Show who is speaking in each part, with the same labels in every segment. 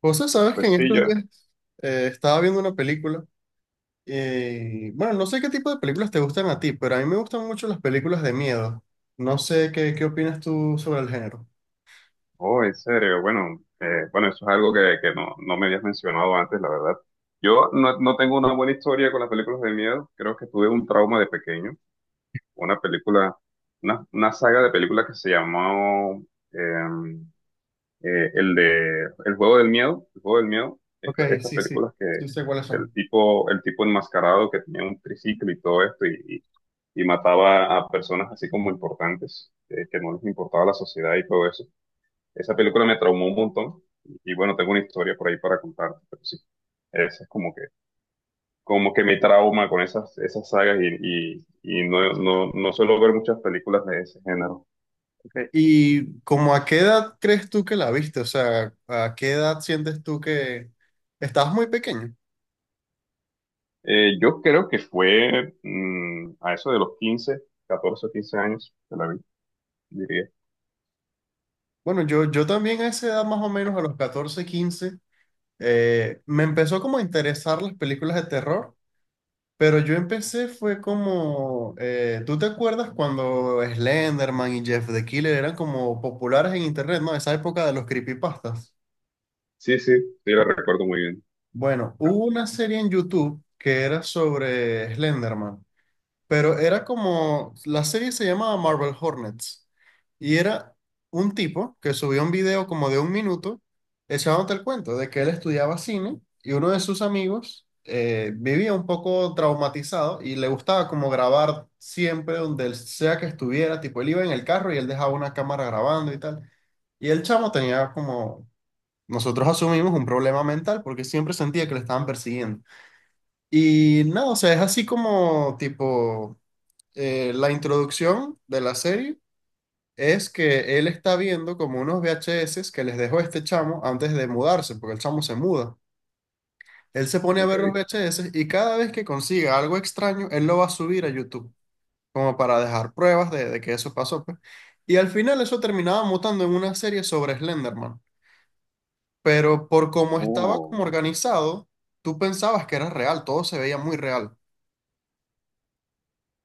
Speaker 1: José, sabes que
Speaker 2: Pues
Speaker 1: en
Speaker 2: sí,
Speaker 1: estos
Speaker 2: yo.
Speaker 1: días estaba viendo una película y bueno, no sé qué tipo de películas te gustan a ti, pero a mí me gustan mucho las películas de miedo. No sé qué opinas tú sobre el género.
Speaker 2: Oh, en serio. Bueno, bueno, eso es algo que no me habías mencionado antes, la verdad. Yo no tengo una buena historia con las películas de miedo. Creo que tuve un trauma de pequeño. Una película, una saga de películas que se llamó eh, el de El juego del miedo. El juego del miedo.
Speaker 1: Ok,
Speaker 2: Estas
Speaker 1: sí, sí,
Speaker 2: películas que
Speaker 1: sí sé cuáles
Speaker 2: del
Speaker 1: son.
Speaker 2: tipo, el tipo enmascarado que tenía un triciclo y todo esto y mataba a personas así como importantes, que no les importaba la sociedad y todo eso. Esa película me traumó un montón. Y bueno, tengo una historia por ahí para contarte, pero sí. Esa es como que me trauma con esas sagas y no suelo ver muchas películas de ese género.
Speaker 1: Ok, ¿Y como a qué edad crees tú que la viste? O sea, ¿a qué edad sientes tú que estabas muy pequeño?
Speaker 2: Yo creo que fue a eso de los 15 14 o 15 años que la vi, diría.
Speaker 1: Bueno, yo también a esa edad más o menos, a los 14 15 me empezó como a interesar las películas de terror. Pero yo empecé fue como, ¿tú te acuerdas cuando Slenderman y Jeff the Killer eran como populares en internet, ¿no? Esa época de los creepypastas.
Speaker 2: Sí, sí, sí, la recuerdo muy bien.
Speaker 1: Bueno,
Speaker 2: Ah,
Speaker 1: hubo una serie en YouTube que era sobre Slenderman, pero era como, la serie se llamaba Marvel Hornets y era un tipo que subió un video como de un minuto echándote el cuento de que él estudiaba cine y uno de sus amigos vivía un poco traumatizado y le gustaba como grabar siempre donde él sea que estuviera, tipo él iba en el carro y él dejaba una cámara grabando y tal. Y el chamo tenía como, nosotros asumimos un problema mental porque siempre sentía que le estaban persiguiendo. Y nada, o sea, es así como tipo la introducción de la serie es que él está viendo como unos VHS que les dejó este chamo antes de mudarse, porque el chamo se muda. Él se pone a
Speaker 2: ok.
Speaker 1: ver los VHS y cada vez que consiga algo extraño, él lo va a subir a YouTube, como para dejar pruebas de que eso pasó, pues. Y al final eso terminaba mutando en una serie sobre Slenderman. Pero por cómo estaba como
Speaker 2: Oh,
Speaker 1: organizado, tú pensabas que era real, todo se veía muy real.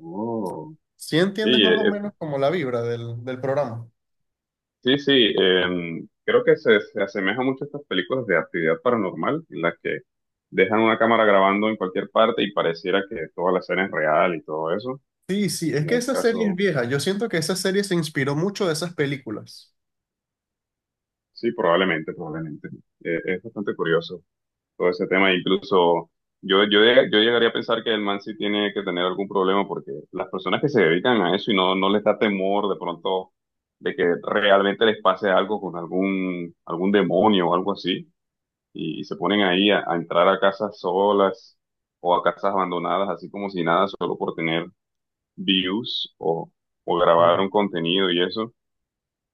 Speaker 2: oh.
Speaker 1: ¿Sí entiendes
Speaker 2: Y
Speaker 1: más o menos como la vibra del programa?
Speaker 2: sí, sí, creo que se asemeja mucho a estas películas de actividad paranormal, en las que dejan una cámara grabando en cualquier parte y pareciera que toda la escena es real y todo eso.
Speaker 1: Sí, sí, es
Speaker 2: Como
Speaker 1: que
Speaker 2: un
Speaker 1: esa serie es
Speaker 2: caso,
Speaker 1: vieja. Yo siento que esa serie se inspiró mucho de esas películas.
Speaker 2: sí, probablemente, probablemente. Es bastante curioso todo ese tema. Incluso yo llegaría a pensar que el man sí tiene que tener algún problema porque las personas que se dedican a eso y no les da temor de pronto de que realmente les pase algo con algún demonio o algo así y se ponen ahí a entrar a casas solas o a casas abandonadas, así como si nada, solo por tener views o grabar un
Speaker 1: Sí.
Speaker 2: contenido y eso.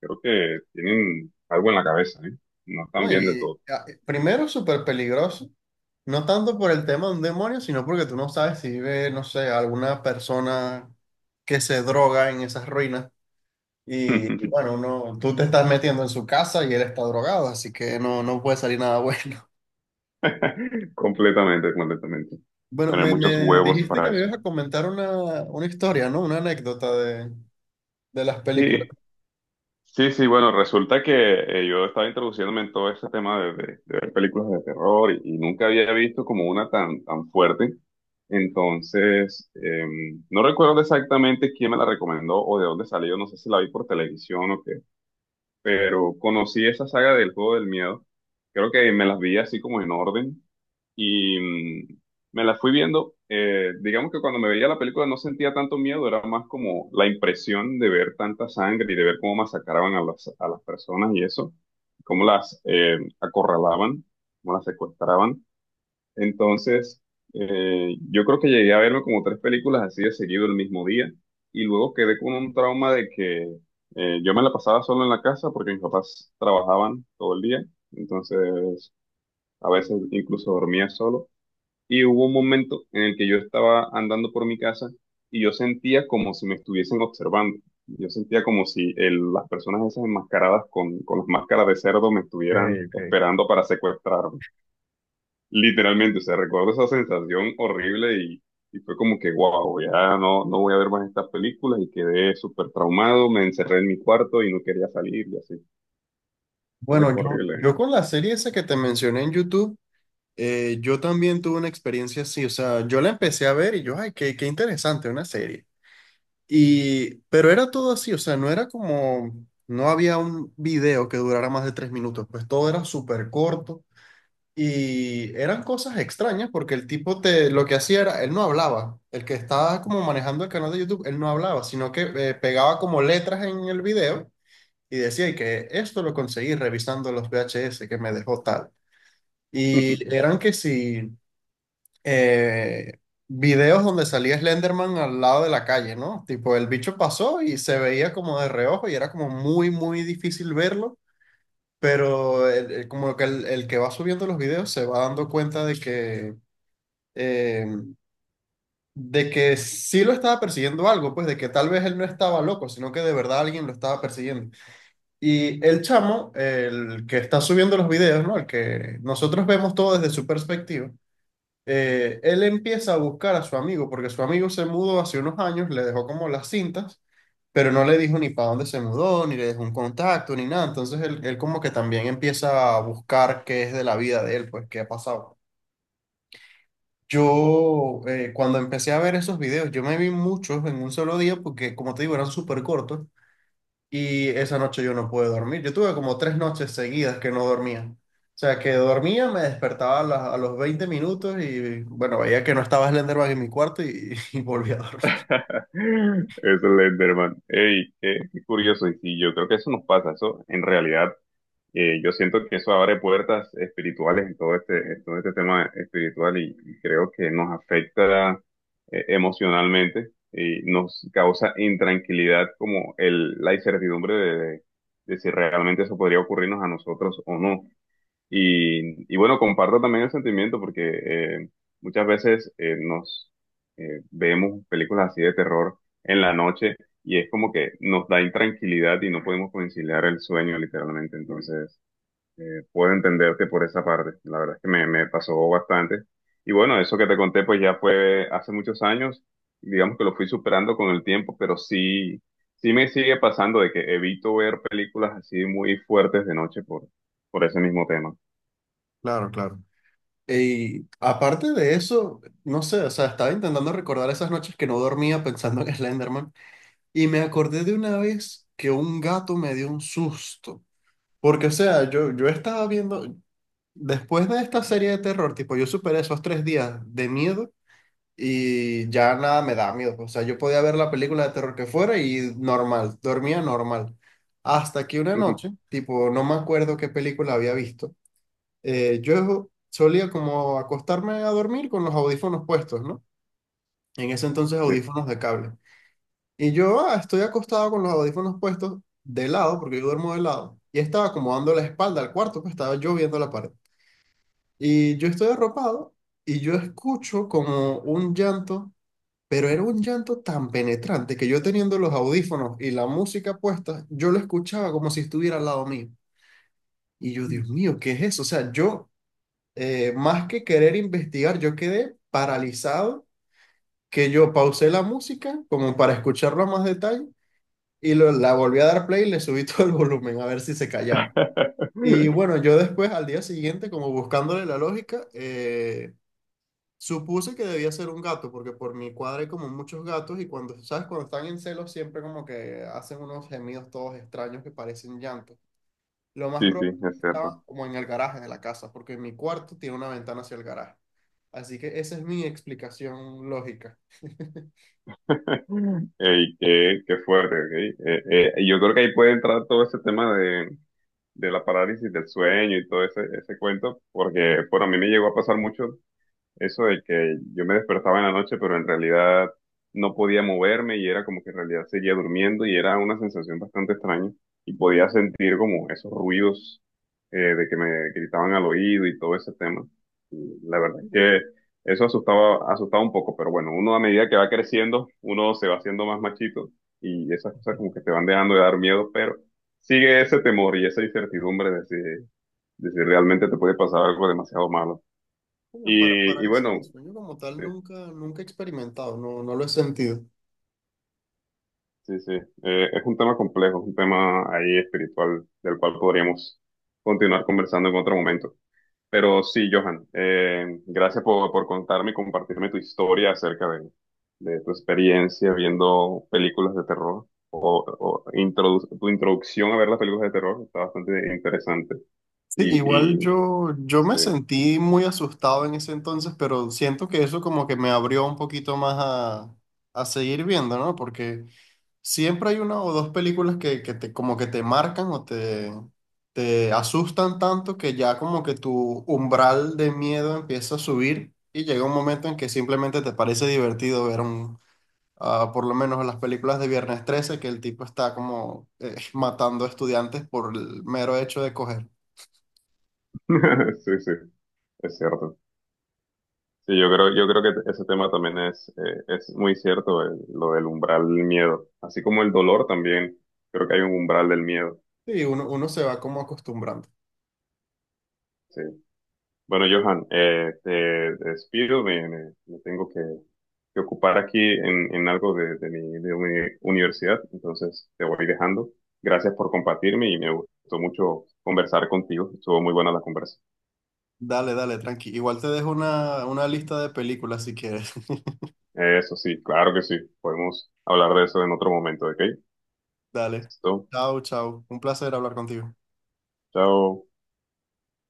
Speaker 2: Creo que tienen algo en la cabeza, ¿eh? No están
Speaker 1: No,
Speaker 2: bien de todo.
Speaker 1: primero súper peligroso, no tanto por el tema de un demonio, sino porque tú no sabes si vive, no sé, alguna persona que se droga en esas ruinas. Y bueno, no, tú te estás metiendo en su casa y él está drogado, así que no, no puede salir nada bueno.
Speaker 2: Completamente, completamente.
Speaker 1: Bueno,
Speaker 2: Tener
Speaker 1: me,
Speaker 2: muchos
Speaker 1: me
Speaker 2: huevos
Speaker 1: dijiste que
Speaker 2: para
Speaker 1: me
Speaker 2: eso.
Speaker 1: ibas a comentar una historia, ¿no? Una anécdota de las películas.
Speaker 2: Sí,
Speaker 1: Ok,
Speaker 2: sí, sí, bueno, resulta que yo estaba introduciéndome en todo este tema de ver películas de terror y nunca había visto como una tan, tan fuerte. Entonces, no recuerdo exactamente quién me la recomendó o de dónde salió, no sé si la vi por televisión o qué, pero conocí esa saga del Juego del Miedo. Creo que me las vi así como en orden y me la fui viendo. Eh, digamos que cuando me veía la película no sentía tanto miedo, era más como la impresión de ver tanta sangre y de ver cómo masacraban a a las personas y eso, cómo las acorralaban, cómo las secuestraban. Entonces, yo creo que llegué a verme como tres películas así de seguido el mismo día y luego quedé con un trauma de que yo me la pasaba solo en la casa porque mis papás trabajaban todo el día, entonces a veces incluso dormía solo. Y hubo un momento en el que yo estaba andando por mi casa y yo sentía como si me estuviesen observando. Yo sentía como si las personas esas enmascaradas con las máscaras de cerdo me estuvieran
Speaker 1: ok.
Speaker 2: esperando para secuestrarme. Literalmente, o sea, recuerdo esa sensación horrible y fue como que, wow, ya no voy a ver más estas películas y quedé súper traumado, me encerré en mi cuarto y no quería salir y así. Fue
Speaker 1: Bueno, yo,
Speaker 2: horrible.
Speaker 1: yo con la serie esa que te mencioné en YouTube, yo también tuve una experiencia así, o sea, yo la empecé a ver y yo, ay, qué interesante, una serie. Y, pero era todo así, o sea, no era como, no había un video que durara más de 3 minutos, pues todo era súper corto y eran cosas extrañas porque el tipo te, lo que hacía era, él no hablaba, el que estaba como manejando el canal de YouTube, él no hablaba, sino que pegaba como letras en el video y decía y que esto lo conseguí revisando los VHS que me dejó tal. Y eran que si eh, videos donde salía Slenderman al lado de la calle, ¿no? Tipo, el bicho pasó y se veía como de reojo y era como muy, muy difícil verlo, pero como que el que va subiendo los videos se va dando cuenta de eh, que sí lo estaba persiguiendo algo, pues de que tal vez él no estaba loco, sino que de verdad alguien lo estaba persiguiendo. Y el chamo, el que está subiendo los videos, ¿no? El que nosotros vemos todo desde su perspectiva, él empieza a buscar a su amigo, porque su amigo se mudó hace unos años, le dejó como las cintas, pero no le dijo ni para dónde se mudó, ni le dejó un contacto, ni nada. Entonces él como que también empieza a buscar qué es de la vida de él, pues qué ha pasado. Yo, cuando empecé a ver esos videos, yo me vi muchos en un solo día, porque como te digo, eran súper cortos. Y esa noche yo no pude dormir. Yo tuve como 3 noches seguidas que no dormía. O sea, que dormía, me despertaba a, a los 20 minutos y bueno, veía que no estaba Slenderman en mi cuarto y, y volví a dormir.
Speaker 2: Es Slenderman. Ey, qué, qué curioso. Y sí, yo creo que eso nos pasa. Eso, en realidad, yo siento que eso abre puertas espirituales en todo este tema espiritual y creo que nos afecta emocionalmente y nos causa intranquilidad como el, la incertidumbre de si realmente eso podría ocurrirnos a nosotros o no. Y bueno, comparto también el sentimiento porque eh, muchas veces nos vemos películas así de terror en la noche y es como que nos da intranquilidad y no podemos conciliar el sueño literalmente. Entonces, puedo entenderte por esa parte. La verdad es que me pasó bastante. Y bueno, eso que te conté pues ya fue hace muchos años. Digamos que lo fui superando con el tiempo, pero sí, sí me sigue pasando de que evito ver películas así muy fuertes de noche por ese mismo tema.
Speaker 1: Claro, claro. Y aparte de eso, no sé, o sea, estaba intentando recordar esas noches que no dormía pensando en Slenderman. Y me acordé de una vez que un gato me dio un susto. Porque, o sea, yo estaba viendo, después de esta serie de terror, tipo, yo superé esos 3 días de miedo y ya nada me da miedo. O sea, yo podía ver la película de terror que fuera y normal, dormía normal. Hasta que una noche, tipo, no me acuerdo qué película había visto, yo solía como acostarme a dormir con los audífonos puestos, ¿no? En ese entonces
Speaker 2: Sí.
Speaker 1: audífonos de cable. Y yo estoy acostado con los audífonos puestos de lado, porque yo duermo de lado, y estaba como dando la espalda al cuarto, pues estaba yo viendo la pared. Y yo estoy arropado y yo escucho como un llanto, pero era un llanto tan penetrante que yo teniendo los audífonos y la música puesta, yo lo escuchaba como si estuviera al lado mío. Y yo, Dios mío, ¿qué es eso? O sea, yo, más que querer investigar, yo quedé paralizado, que yo pausé la música como para escucharlo a más detalle y la volví a dar play y le subí todo el volumen a ver si se callaba. Y bueno, yo después, al día siguiente, como buscándole la lógica, supuse que debía ser un gato, porque por mi cuadra hay como muchos gatos y cuando, ¿sabes? Cuando están en celos siempre como que hacen unos gemidos todos extraños que parecen llantos. Lo más
Speaker 2: Sí, sí,
Speaker 1: probable es
Speaker 2: es
Speaker 1: que
Speaker 2: cierto.
Speaker 1: estaba como en el garaje de la casa, porque mi cuarto tiene una ventana hacia el garaje. Así que esa es mi explicación lógica.
Speaker 2: Ey, qué, qué fuerte, ok. Y yo creo que ahí puede entrar todo ese tema de la parálisis del sueño y todo ese cuento, porque, por a mí me llegó a pasar mucho. Eso de que yo me despertaba en la noche, pero en realidad no podía moverme y era como que en realidad seguía durmiendo y era una sensación bastante extraña. Y podía sentir como esos ruidos de que me gritaban al oído y todo ese tema. Y la verdad es que eso asustaba, asustaba un poco, pero bueno, uno a medida que va creciendo, uno se va haciendo más machito y esas cosas como que te van dejando de dar miedo, pero sigue ese temor y esa incertidumbre de si realmente te puede pasar algo demasiado malo.
Speaker 1: Bueno, para
Speaker 2: Y
Speaker 1: parálisis
Speaker 2: bueno,
Speaker 1: del sueño como tal
Speaker 2: sí,
Speaker 1: nunca, nunca he experimentado, no, no lo he sentido.
Speaker 2: sí, sí. Es un tema complejo, es un tema ahí espiritual del cual podríamos continuar conversando en otro momento. Pero sí, Johan, gracias por contarme y compartirme tu historia acerca de tu experiencia viendo películas de terror tu introducción a ver las películas de terror. Está bastante interesante.
Speaker 1: Sí, igual
Speaker 2: Y
Speaker 1: yo me
Speaker 2: sí,
Speaker 1: sentí muy asustado en ese entonces, pero siento que eso como que me abrió un poquito más a seguir viendo, ¿no? Porque siempre hay una o dos películas que como que te marcan o te asustan tanto que ya como que tu umbral de miedo empieza a subir y llega un momento en que simplemente te parece divertido ver un, por lo menos las películas de Viernes 13, que el tipo está como matando estudiantes por el mero hecho de coger.
Speaker 2: sí, sí, es cierto. Sí, yo creo que ese tema también es muy cierto, lo del umbral del miedo, así como el dolor también, creo que hay un umbral del miedo,
Speaker 1: Sí, uno se va como acostumbrando.
Speaker 2: sí. Bueno, Johan, te despido, me tengo que ocupar aquí en algo de mi universidad, entonces te voy dejando. Gracias por compartirme y me gustó mucho conversar contigo, estuvo muy buena la conversa.
Speaker 1: Dale, dale, tranqui. Igual te dejo una lista de películas si quieres.
Speaker 2: Eso sí, claro que sí, podemos hablar de eso en otro momento, ¿ok?
Speaker 1: Dale.
Speaker 2: Listo,
Speaker 1: Chao, chao. Un placer hablar contigo.
Speaker 2: chao.